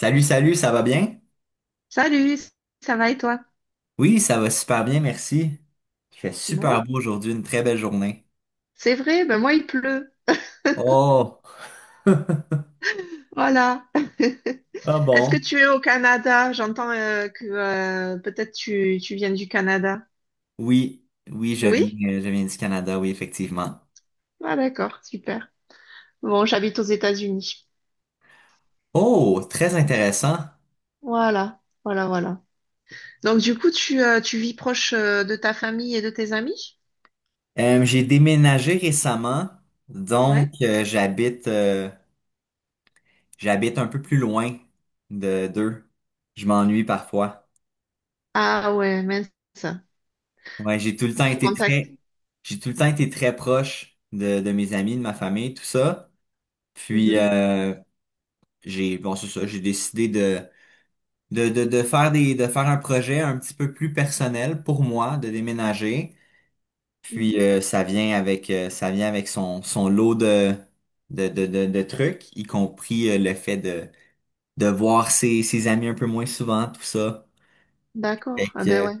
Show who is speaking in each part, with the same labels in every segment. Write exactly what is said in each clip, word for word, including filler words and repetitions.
Speaker 1: Salut, salut, ça va bien?
Speaker 2: Salut, ça va et toi?
Speaker 1: Oui, ça va super bien, merci. Il fait
Speaker 2: Bon,
Speaker 1: super beau aujourd'hui, une très belle journée.
Speaker 2: c'est vrai, ben moi il pleut.
Speaker 1: Oh,
Speaker 2: Voilà.
Speaker 1: ah
Speaker 2: Est-ce que
Speaker 1: bon?
Speaker 2: tu es au Canada? J'entends euh, que euh, peut-être tu, tu viens du Canada.
Speaker 1: Oui, oui, je
Speaker 2: Oui?
Speaker 1: viens, euh, je viens du Canada, oui, effectivement.
Speaker 2: Ah d'accord, super. Bon, j'habite aux États-Unis.
Speaker 1: Oh, très intéressant.
Speaker 2: Voilà, voilà, voilà. Donc du coup, tu, euh, tu vis proche euh, de ta famille et de tes amis?
Speaker 1: Euh, j'ai déménagé récemment, donc
Speaker 2: Ouais.
Speaker 1: euh, j'habite euh, j'habite un peu plus loin de d'eux. Je m'ennuie parfois.
Speaker 2: Ah ouais, mince.
Speaker 1: Ouais, j'ai tout le temps
Speaker 2: Vous
Speaker 1: été très
Speaker 2: contactez.
Speaker 1: j'ai tout le temps été très proche de, de mes amis, de ma famille, tout ça. Puis
Speaker 2: Mhm,
Speaker 1: euh, J'ai, bon, c'est ça, j'ai décidé de, de, de, de faire des, de faire un projet un petit peu plus personnel pour moi, de déménager. Puis
Speaker 2: mhm.
Speaker 1: euh, ça vient avec, euh, ça vient avec son, son lot de, de, de, de, de trucs, y compris euh, le fait de, de voir ses, ses amis un peu moins souvent, tout ça. Fait
Speaker 2: D'accord. Ah
Speaker 1: que,
Speaker 2: ben
Speaker 1: euh,
Speaker 2: ouais.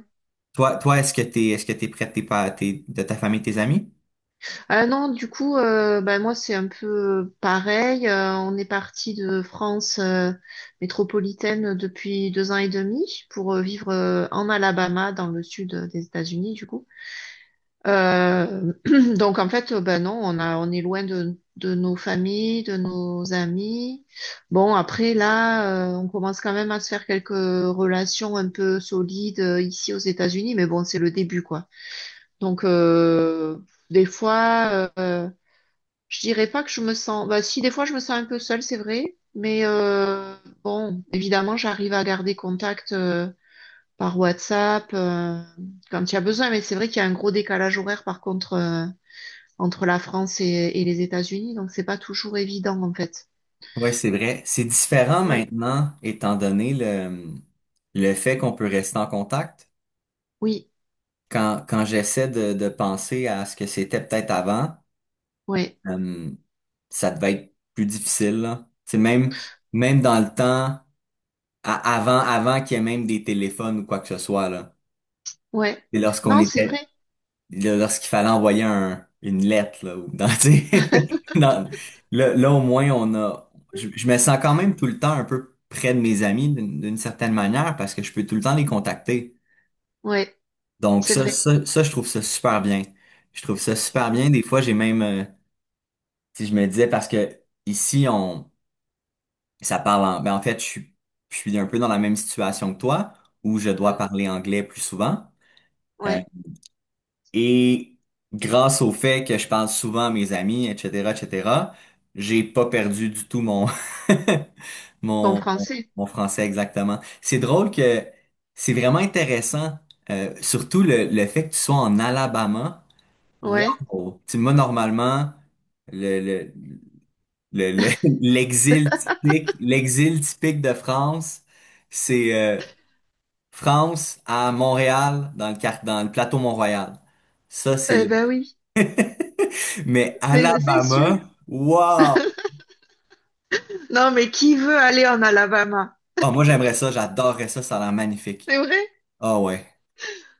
Speaker 1: toi, toi, est-ce que t'es, est-ce que t'es prêt de tes, pa- tes- de ta famille, tes amis?
Speaker 2: Ah non, du coup, euh, bah, moi, c'est un peu euh, pareil. Euh, on est parti de France euh, métropolitaine depuis deux ans et demi pour euh, vivre euh, en Alabama, dans le sud euh, des États-Unis, du coup. Euh, donc, en fait, euh, bah, non, on a, on est loin de, de nos familles, de nos amis. Bon, après, là, euh, on commence quand même à se faire quelques relations un peu solides euh, ici aux États-Unis, mais bon, c'est le début, quoi. Donc, euh, des fois, euh, je dirais pas que je me sens. Bah, si, des fois, je me sens un peu seule, c'est vrai. Mais euh, bon, évidemment, j'arrive à garder contact euh, par WhatsApp euh, quand il y a besoin. Mais c'est vrai qu'il y a un gros décalage horaire, par contre, euh, entre la France et, et les États-Unis. Donc, c'est pas toujours évident, en fait.
Speaker 1: Ouais, c'est vrai. C'est différent
Speaker 2: Ouais.
Speaker 1: maintenant, étant donné le, le fait qu'on peut rester en contact.
Speaker 2: Oui.
Speaker 1: Quand, quand j'essaie de, de penser à ce que c'était peut-être avant,
Speaker 2: Ouais.
Speaker 1: euh, ça devait être plus difficile, là. C'est même, même dans le temps, à- avant, avant qu'il y ait même des téléphones ou quoi que ce soit, là.
Speaker 2: Ouais.
Speaker 1: C'est lorsqu'on
Speaker 2: Non, c'est
Speaker 1: était,
Speaker 2: vrai.
Speaker 1: lorsqu'il fallait envoyer un- une lettre, là, ou dans, tu sais, dans- là, là, au moins, on a, je, je me sens quand même tout le temps un peu près de mes amis d'une d'une certaine manière parce que je peux tout le temps les contacter.
Speaker 2: Ouais.
Speaker 1: Donc
Speaker 2: C'est
Speaker 1: ça,
Speaker 2: vrai.
Speaker 1: ça, ça, je trouve ça super bien. Je trouve ça super
Speaker 2: Oui.
Speaker 1: bien. Des fois, j'ai même, euh, si je me disais, parce que ici, on, ça parle en, ben en fait, je suis, je suis un peu dans la même situation que toi, où je dois
Speaker 2: Mm.
Speaker 1: parler anglais plus souvent. Euh,
Speaker 2: Ouais.
Speaker 1: et grâce au fait que je parle souvent à mes amis, et cetera, et cetera, j'ai pas perdu du tout mon,
Speaker 2: En
Speaker 1: mon,
Speaker 2: français.
Speaker 1: mon français, exactement. C'est drôle que c'est vraiment intéressant, euh, surtout le, le fait que tu sois en Alabama.
Speaker 2: Ouais.
Speaker 1: Wow! Tu sais, moi, normalement, le, le, le- le- l'exil typique, l'exil typique de France, c'est euh, France à Montréal, dans le, quart- dans le plateau Mont-Royal. Ça, c'est
Speaker 2: Eh
Speaker 1: le...
Speaker 2: ben oui.
Speaker 1: Mais
Speaker 2: C'est c'est sûr.
Speaker 1: Alabama, wow!
Speaker 2: Non, mais qui veut aller en Alabama?
Speaker 1: Ah, moi, j'aimerais ça, j'adorerais ça, ça a l'air magnifique.
Speaker 2: C'est vrai.
Speaker 1: Ah ouais.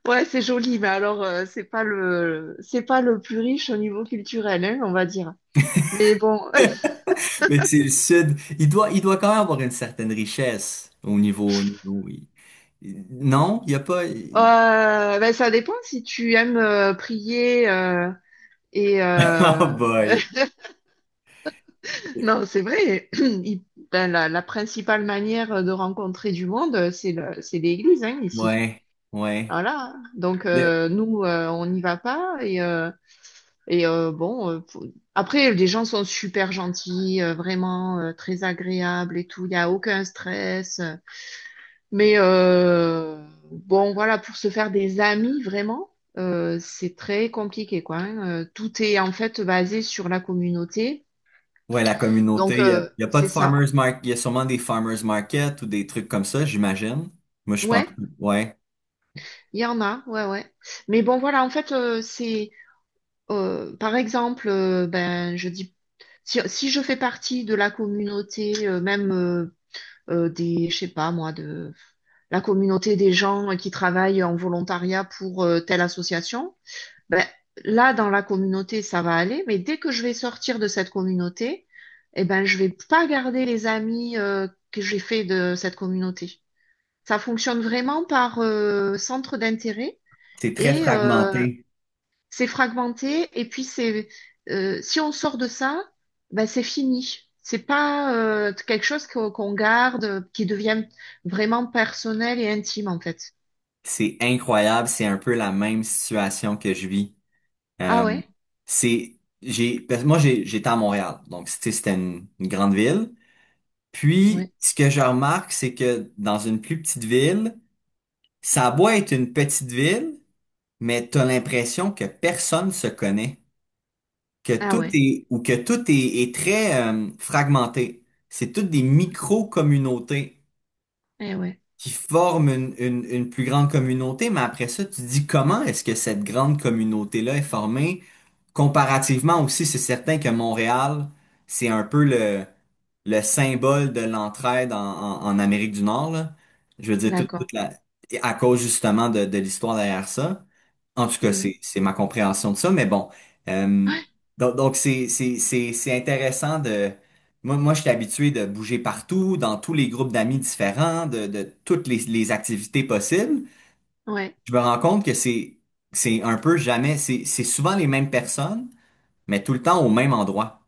Speaker 2: Ouais, c'est joli, mais alors euh, c'est pas le c'est pas le plus riche au niveau culturel, hein, on va dire. Mais bon,
Speaker 1: Mais c'est le sud. Il doit, il doit quand même avoir une certaine richesse au niveau... au niveau- il- Non, il n'y a pas...
Speaker 2: euh, ben, ça dépend si tu aimes euh, prier euh, et euh,
Speaker 1: Oh boy!
Speaker 2: non, c'est vrai. Il- ben, la, la principale manière de rencontrer du monde, c'est le, c'est l'église, hein, ici.
Speaker 1: Ouais, ouais.
Speaker 2: Voilà. Donc
Speaker 1: Le-
Speaker 2: euh, nous, euh, on n'y va pas et euh, et euh, bon. euh, faut- Après, les gens sont super gentils, euh, vraiment euh, très agréables et tout. Il n'y a aucun stress. Mais euh, bon, voilà, pour se faire des amis, vraiment, euh, c'est très compliqué, quoi, hein. Euh, tout est en fait basé sur la communauté.
Speaker 1: ouais, la
Speaker 2: Donc,
Speaker 1: communauté, il n'y a,
Speaker 2: euh,
Speaker 1: il y a pas de
Speaker 2: c'est ça.
Speaker 1: farmers market. Il y a sûrement des farmers market ou des trucs comme ça, j'imagine. Moi, je pense,
Speaker 2: Ouais,
Speaker 1: ouais.
Speaker 2: il y en a, ouais, ouais. Mais bon, voilà, en fait, euh, c'est, euh, par exemple, euh, ben, je dis, si, si je fais partie de la communauté, euh, même euh, euh, des, je sais pas, moi, de la communauté des gens qui travaillent en volontariat pour euh, telle association. Ben, là, dans la communauté, ça va aller, mais dès que je vais sortir de cette communauté, eh ben, je vais pas garder les amis euh, que j'ai fait de cette communauté. Ça fonctionne vraiment par euh, centre d'intérêt
Speaker 1: C'est très
Speaker 2: et euh,
Speaker 1: fragmenté.
Speaker 2: c'est fragmenté. Et puis c'est, euh, si on sort de ça, ben, c'est fini. C'est pas euh, quelque chose qu'on qu'on garde, euh, qui devient vraiment personnel et intime en fait.
Speaker 1: C'est incroyable. C'est un peu la même situation que je vis.
Speaker 2: Ah
Speaker 1: Euh,
Speaker 2: ouais,
Speaker 1: c'est, j'ai, parce que moi, j'ai, j'étais à Montréal. Donc, c'était c'était une, une grande ville. Puis,
Speaker 2: ouais,
Speaker 1: ce que je remarque, c'est que dans une plus petite ville, ça a beau être une petite ville, mais t'as l'impression que personne se connaît, que
Speaker 2: ah
Speaker 1: tout
Speaker 2: ouais,
Speaker 1: est ou que tout est, est très euh, fragmenté. C'est toutes des micro-communautés
Speaker 2: eh ouais,
Speaker 1: qui forment une, une- une plus grande communauté, mais après ça, tu te dis comment est-ce que cette grande communauté-là est formée? Comparativement aussi, c'est certain que Montréal, c'est un peu le, le symbole de l'entraide en, en- en Amérique du Nord, là. Je veux dire, toute,
Speaker 2: d'accord.
Speaker 1: toute la, à cause justement de, de l'histoire derrière ça. En tout cas, c'est,
Speaker 2: Mhm.
Speaker 1: c'est ma compréhension de ça, mais bon. Euh, donc, donc c'est, c'est, c'est, c'est intéressant de... Moi, moi, je suis habitué de bouger partout, dans tous les groupes d'amis différents, de, de toutes les, les activités possibles.
Speaker 2: Ouais.
Speaker 1: Je me rends compte que c'est, c'est un peu jamais... C'est, c'est souvent les mêmes personnes mais tout le temps au même endroit.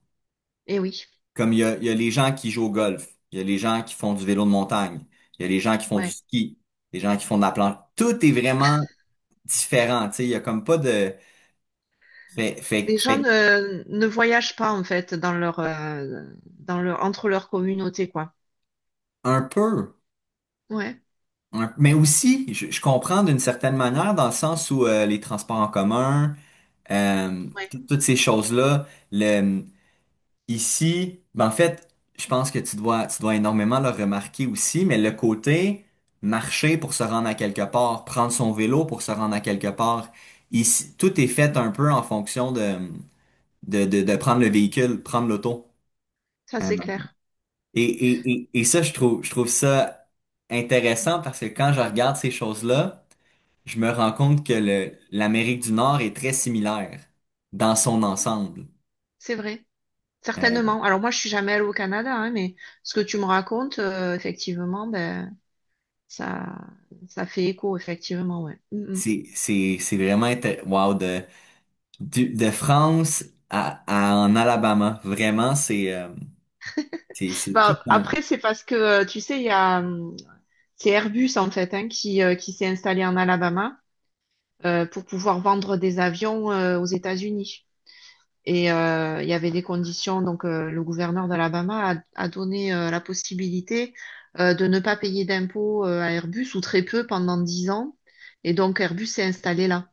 Speaker 2: Et oui,
Speaker 1: Comme il y a, il y a les gens qui jouent au golf, il y a les gens qui font du vélo de montagne, il y a les gens qui font du
Speaker 2: ouais.
Speaker 1: ski, les gens qui font de la planche. Tout est vraiment différent, tu sais, il y a comme pas de... Fait, fait,
Speaker 2: Les gens
Speaker 1: fait
Speaker 2: ne, ne voyagent pas en fait dans leur, euh, dans leur, entre leurs communautés, quoi.
Speaker 1: un peu,
Speaker 2: Ouais,
Speaker 1: un- mais aussi, je, je comprends d'une certaine manière dans le sens où euh, les transports en commun, euh,
Speaker 2: ouais,
Speaker 1: tout- toutes ces choses-là, ici, ben en fait, je pense que tu dois, tu dois énormément le remarquer aussi, mais le côté marcher pour se rendre à quelque part, prendre son vélo pour se rendre à quelque part, ici, tout est fait un peu en fonction de, de, de, de prendre le véhicule, prendre l'auto.
Speaker 2: ça
Speaker 1: Euh,
Speaker 2: c'est clair.
Speaker 1: Et, et, et, et ça, je trouve, je trouve ça intéressant parce que quand je regarde ces choses-là, je me rends compte que le, l'Amérique du Nord est très similaire dans son
Speaker 2: Oui,
Speaker 1: ensemble.
Speaker 2: c'est vrai.
Speaker 1: Euh,
Speaker 2: Certainement. Alors moi, je suis jamais allée au Canada, hein, mais ce que tu me racontes, euh, effectivement, ben ça, ça fait écho, effectivement, ouais. Mm, mm.
Speaker 1: c'est, c'est, c'est vraiment intéressant, du- de France à, à- en Alabama. Vraiment, c'est euh, c'est c'est tout
Speaker 2: Bah,
Speaker 1: un
Speaker 2: après, c'est parce que euh, tu sais, il y a, hum, c'est Airbus en fait, hein, qui, euh, qui s'est installé en Alabama euh, pour pouvoir vendre des avions euh, aux États-Unis. Et euh, il y avait des conditions, donc euh, le gouverneur d'Alabama a, a donné euh, la possibilité euh, de ne pas payer d'impôts euh, à Airbus ou très peu pendant dix ans. Et donc Airbus s'est installé là.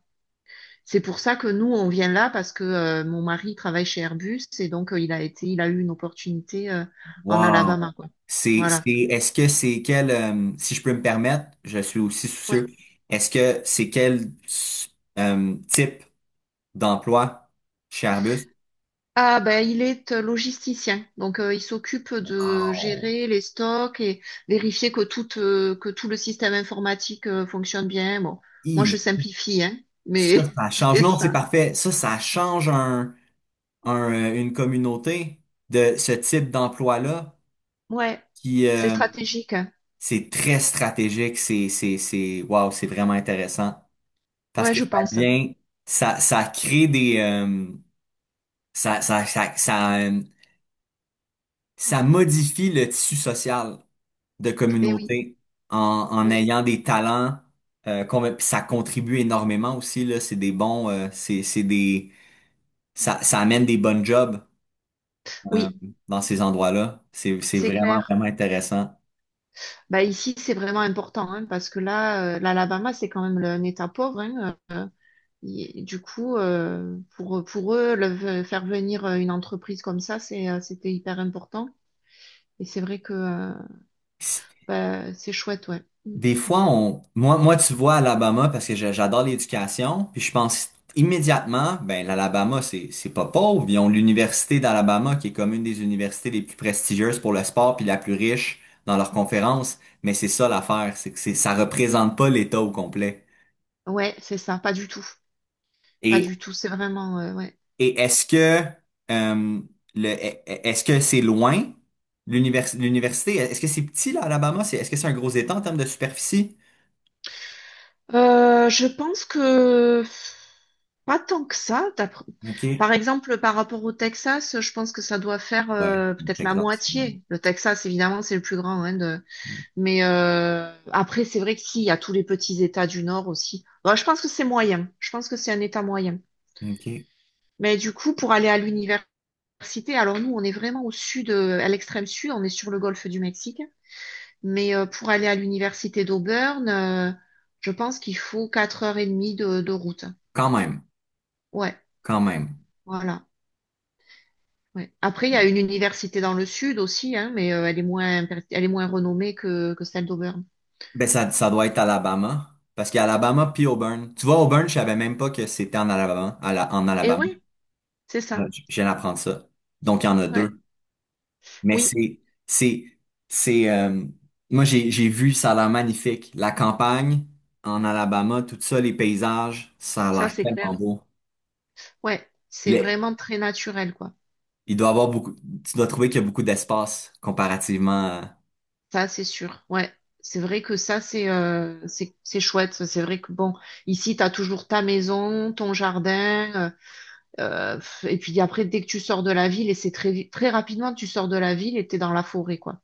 Speaker 2: C'est pour ça que nous, on vient là parce que euh, mon mari travaille chez Airbus et donc euh, il a été, il a eu une opportunité euh, en Alabama,
Speaker 1: wow.
Speaker 2: quoi.
Speaker 1: C'est c'est
Speaker 2: Voilà.
Speaker 1: est-ce que c'est quel, euh, si je peux me permettre, je suis aussi soucieux. Est-ce que c'est quel, euh, type d'emploi chez Arbus?
Speaker 2: Ah ben il est euh, logisticien, donc euh, il s'occupe de
Speaker 1: Wow.
Speaker 2: gérer les stocks et vérifier que tout euh, que tout le système informatique euh, fonctionne bien. Bon, moi
Speaker 1: Hi.
Speaker 2: je simplifie, hein, mais
Speaker 1: Ça, ça change.
Speaker 2: c'est
Speaker 1: Non, c'est
Speaker 2: ça.
Speaker 1: parfait. Ça, ça change un, un, euh, une communauté de ce type d'emploi-là
Speaker 2: Ouais,
Speaker 1: qui,
Speaker 2: c'est
Speaker 1: euh,
Speaker 2: stratégique, hein.
Speaker 1: c'est très stratégique, c'est, c'est, c'est, wow, c'est vraiment intéressant. Parce
Speaker 2: Ouais,
Speaker 1: que
Speaker 2: je
Speaker 1: ça
Speaker 2: pense.
Speaker 1: vient, ça, ça crée des, euh, ça, ça, ça, ça, euh, ça modifie le tissu social de
Speaker 2: Eh oui,
Speaker 1: communauté en, en
Speaker 2: ouais.
Speaker 1: ayant des talents, euh, qu'on- puis ça contribue énormément aussi, là, c'est des bons, euh, c'est, c'est des, ça, ça amène des bonnes jobs, euh,
Speaker 2: Oui,
Speaker 1: dans ces endroits-là. C'est, c'est
Speaker 2: c'est
Speaker 1: vraiment,
Speaker 2: clair.
Speaker 1: vraiment intéressant.
Speaker 2: Bah ici c'est vraiment important, hein, parce que là, euh, l'Alabama c'est quand même le- un État pauvre, hein. Et du coup, euh, pour pour eux, le- faire venir une entreprise comme ça, c'est euh, c'était hyper important. Et c'est vrai que euh, bah, c'est chouette, ouais. Mm.
Speaker 1: Des fois, on, moi, moi, tu vois Alabama, parce que je- j'adore l'éducation, puis je pense immédiatement, ben l'Alabama, c'est c'est pas pauvre. Ils ont l'université d'Alabama qui est comme une des universités les plus prestigieuses pour le sport, puis la plus riche dans leurs conférences. Mais c'est ça l'affaire, c'est que c'est ça représente pas l'État au complet.
Speaker 2: Ouais, c'est ça, pas du tout. Pas
Speaker 1: Et
Speaker 2: du tout, c'est vraiment, euh, ouais.
Speaker 1: et est-ce que, euh, le est- est-ce que c'est loin l'univers- l'université? Est-ce que c'est petit là, Alabama? C'est Est-ce que c'est un gros État en termes de superficie?
Speaker 2: Euh, je pense que pas tant que ça, d'après-
Speaker 1: Ok.
Speaker 2: Par exemple, par rapport au Texas, je pense que ça doit faire
Speaker 1: Ouais,
Speaker 2: euh, peut-être la
Speaker 1: exactement.
Speaker 2: moitié. Le Texas, évidemment, c'est le plus grand, hein. de... Mais euh, après, c'est vrai que si, il y a tous les petits États du Nord aussi. Bon, je pense que c'est moyen. Je pense que c'est un État moyen.
Speaker 1: Ok.
Speaker 2: Mais du coup, pour aller à l'université, alors nous, on est vraiment au sud, euh, à l'extrême sud, on est sur le golfe du Mexique. Mais euh, pour aller à l'université d'Auburn, euh, je pense qu'il faut quatre heures et demie de, de route.
Speaker 1: Quand même,
Speaker 2: Ouais,
Speaker 1: quand même.
Speaker 2: voilà. Ouais. Après, il y a une université dans le sud aussi, hein, mais euh, elle est moins, per- elle est moins renommée que, que celle d'Auburn.
Speaker 1: Ben ça, ça doit être Alabama, parce qu'il y a Alabama puis Auburn. Tu vois, Auburn, je savais même pas que c'était en Alabama, à la- en
Speaker 2: Et
Speaker 1: Alabama.
Speaker 2: oui, c'est ça.
Speaker 1: Là, Je je viens d'apprendre ça. Donc il y en a
Speaker 2: Ouais.
Speaker 1: deux. Mais
Speaker 2: Oui,
Speaker 1: c'est, c'est, c'est. Euh, moi j'ai, j'ai vu, ça a l'air magnifique. La campagne en Alabama, tout ça, les paysages, ça a
Speaker 2: ça
Speaker 1: l'air
Speaker 2: c'est
Speaker 1: tellement
Speaker 2: clair.
Speaker 1: beau.
Speaker 2: Ouais, c'est
Speaker 1: Les-
Speaker 2: vraiment très naturel, quoi.
Speaker 1: il doit avoir beaucoup. Tu dois trouver qu'il y a beaucoup d'espace comparativement. à-
Speaker 2: Ça, c'est sûr. Ouais. C'est vrai que ça, c'est euh, c'est c'est chouette. C'est vrai que bon, ici, t'as toujours ta maison, ton jardin. Euh, et puis après, dès que tu sors de la ville, et c'est très, vi- très rapidement, tu sors de la ville et t'es dans la forêt, quoi.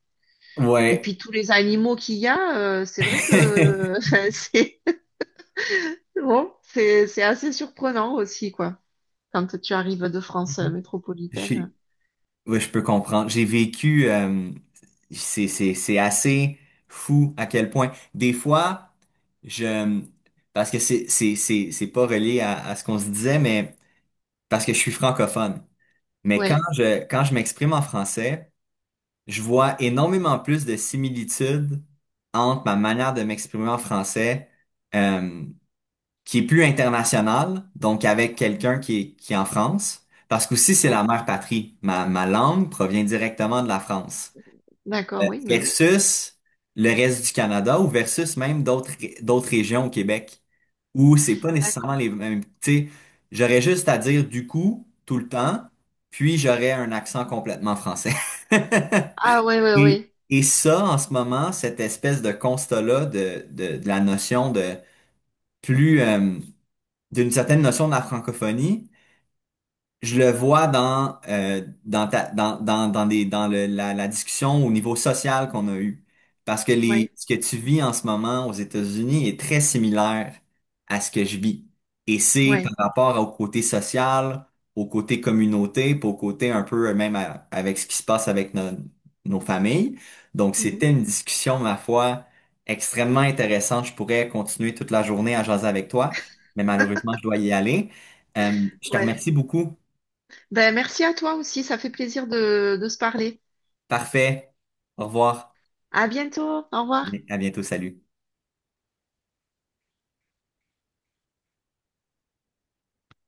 Speaker 2: Et
Speaker 1: Ouais.
Speaker 2: puis tous les animaux qu'il y a, euh, c'est vrai que c'est bon, c'est c'est assez surprenant aussi, quoi, quand tu arrives de France euh,
Speaker 1: J'ai-
Speaker 2: métropolitaine.
Speaker 1: Oui, je peux comprendre. J'ai vécu, euh, c'est, c'est, c'est assez fou à quel point. Des fois, je, parce que c'est, c'est, c'est, c'est pas relié à, à ce qu'on se disait, mais parce que je suis francophone. Mais quand
Speaker 2: Ouais,
Speaker 1: je, quand je m'exprime en français, je vois énormément plus de similitudes entre ma manière de m'exprimer en français, euh, qui est plus international, donc avec quelqu'un qui est, qui est en France, parce qu'aussi c'est la
Speaker 2: ouais,
Speaker 1: mère patrie. Ma, ma langue provient directement de la France,
Speaker 2: d'accord, oui, oui, oui.
Speaker 1: versus le reste du Canada ou versus même d'autres ré- d'autres régions au Québec, où c'est pas
Speaker 2: D'accord.
Speaker 1: nécessairement les mêmes. Tu sais, j'aurais juste à dire du coup tout le temps, puis j'aurais un accent complètement français.
Speaker 2: Ah ouais, ouais,
Speaker 1: Et,
Speaker 2: ouais,
Speaker 1: et ça, en ce moment, cette espèce de constat-là de, de, de la notion de plus euh, d'une certaine notion de la francophonie. Je le vois dans, euh, dans, ta- dans, dans, dans, des, dans le- la, la discussion au niveau social qu'on a eue. Parce que les,
Speaker 2: ouais,
Speaker 1: ce que tu vis en ce moment aux États-Unis est très similaire à ce que je vis. Et c'est
Speaker 2: ouais.
Speaker 1: par rapport au côté social, au côté communauté, puis au côté un peu euh, même à- avec ce qui se passe avec no- nos familles. Donc,
Speaker 2: Mhm.
Speaker 1: c'était une discussion, ma foi, extrêmement intéressante. Je pourrais continuer toute la journée à jaser avec toi, mais malheureusement, je dois y aller. Euh, je te
Speaker 2: Ouais.
Speaker 1: remercie beaucoup.
Speaker 2: Ben, merci à toi aussi, ça fait plaisir de, de se parler.
Speaker 1: Parfait. Au revoir.
Speaker 2: À bientôt, au revoir.
Speaker 1: À bientôt. Salut.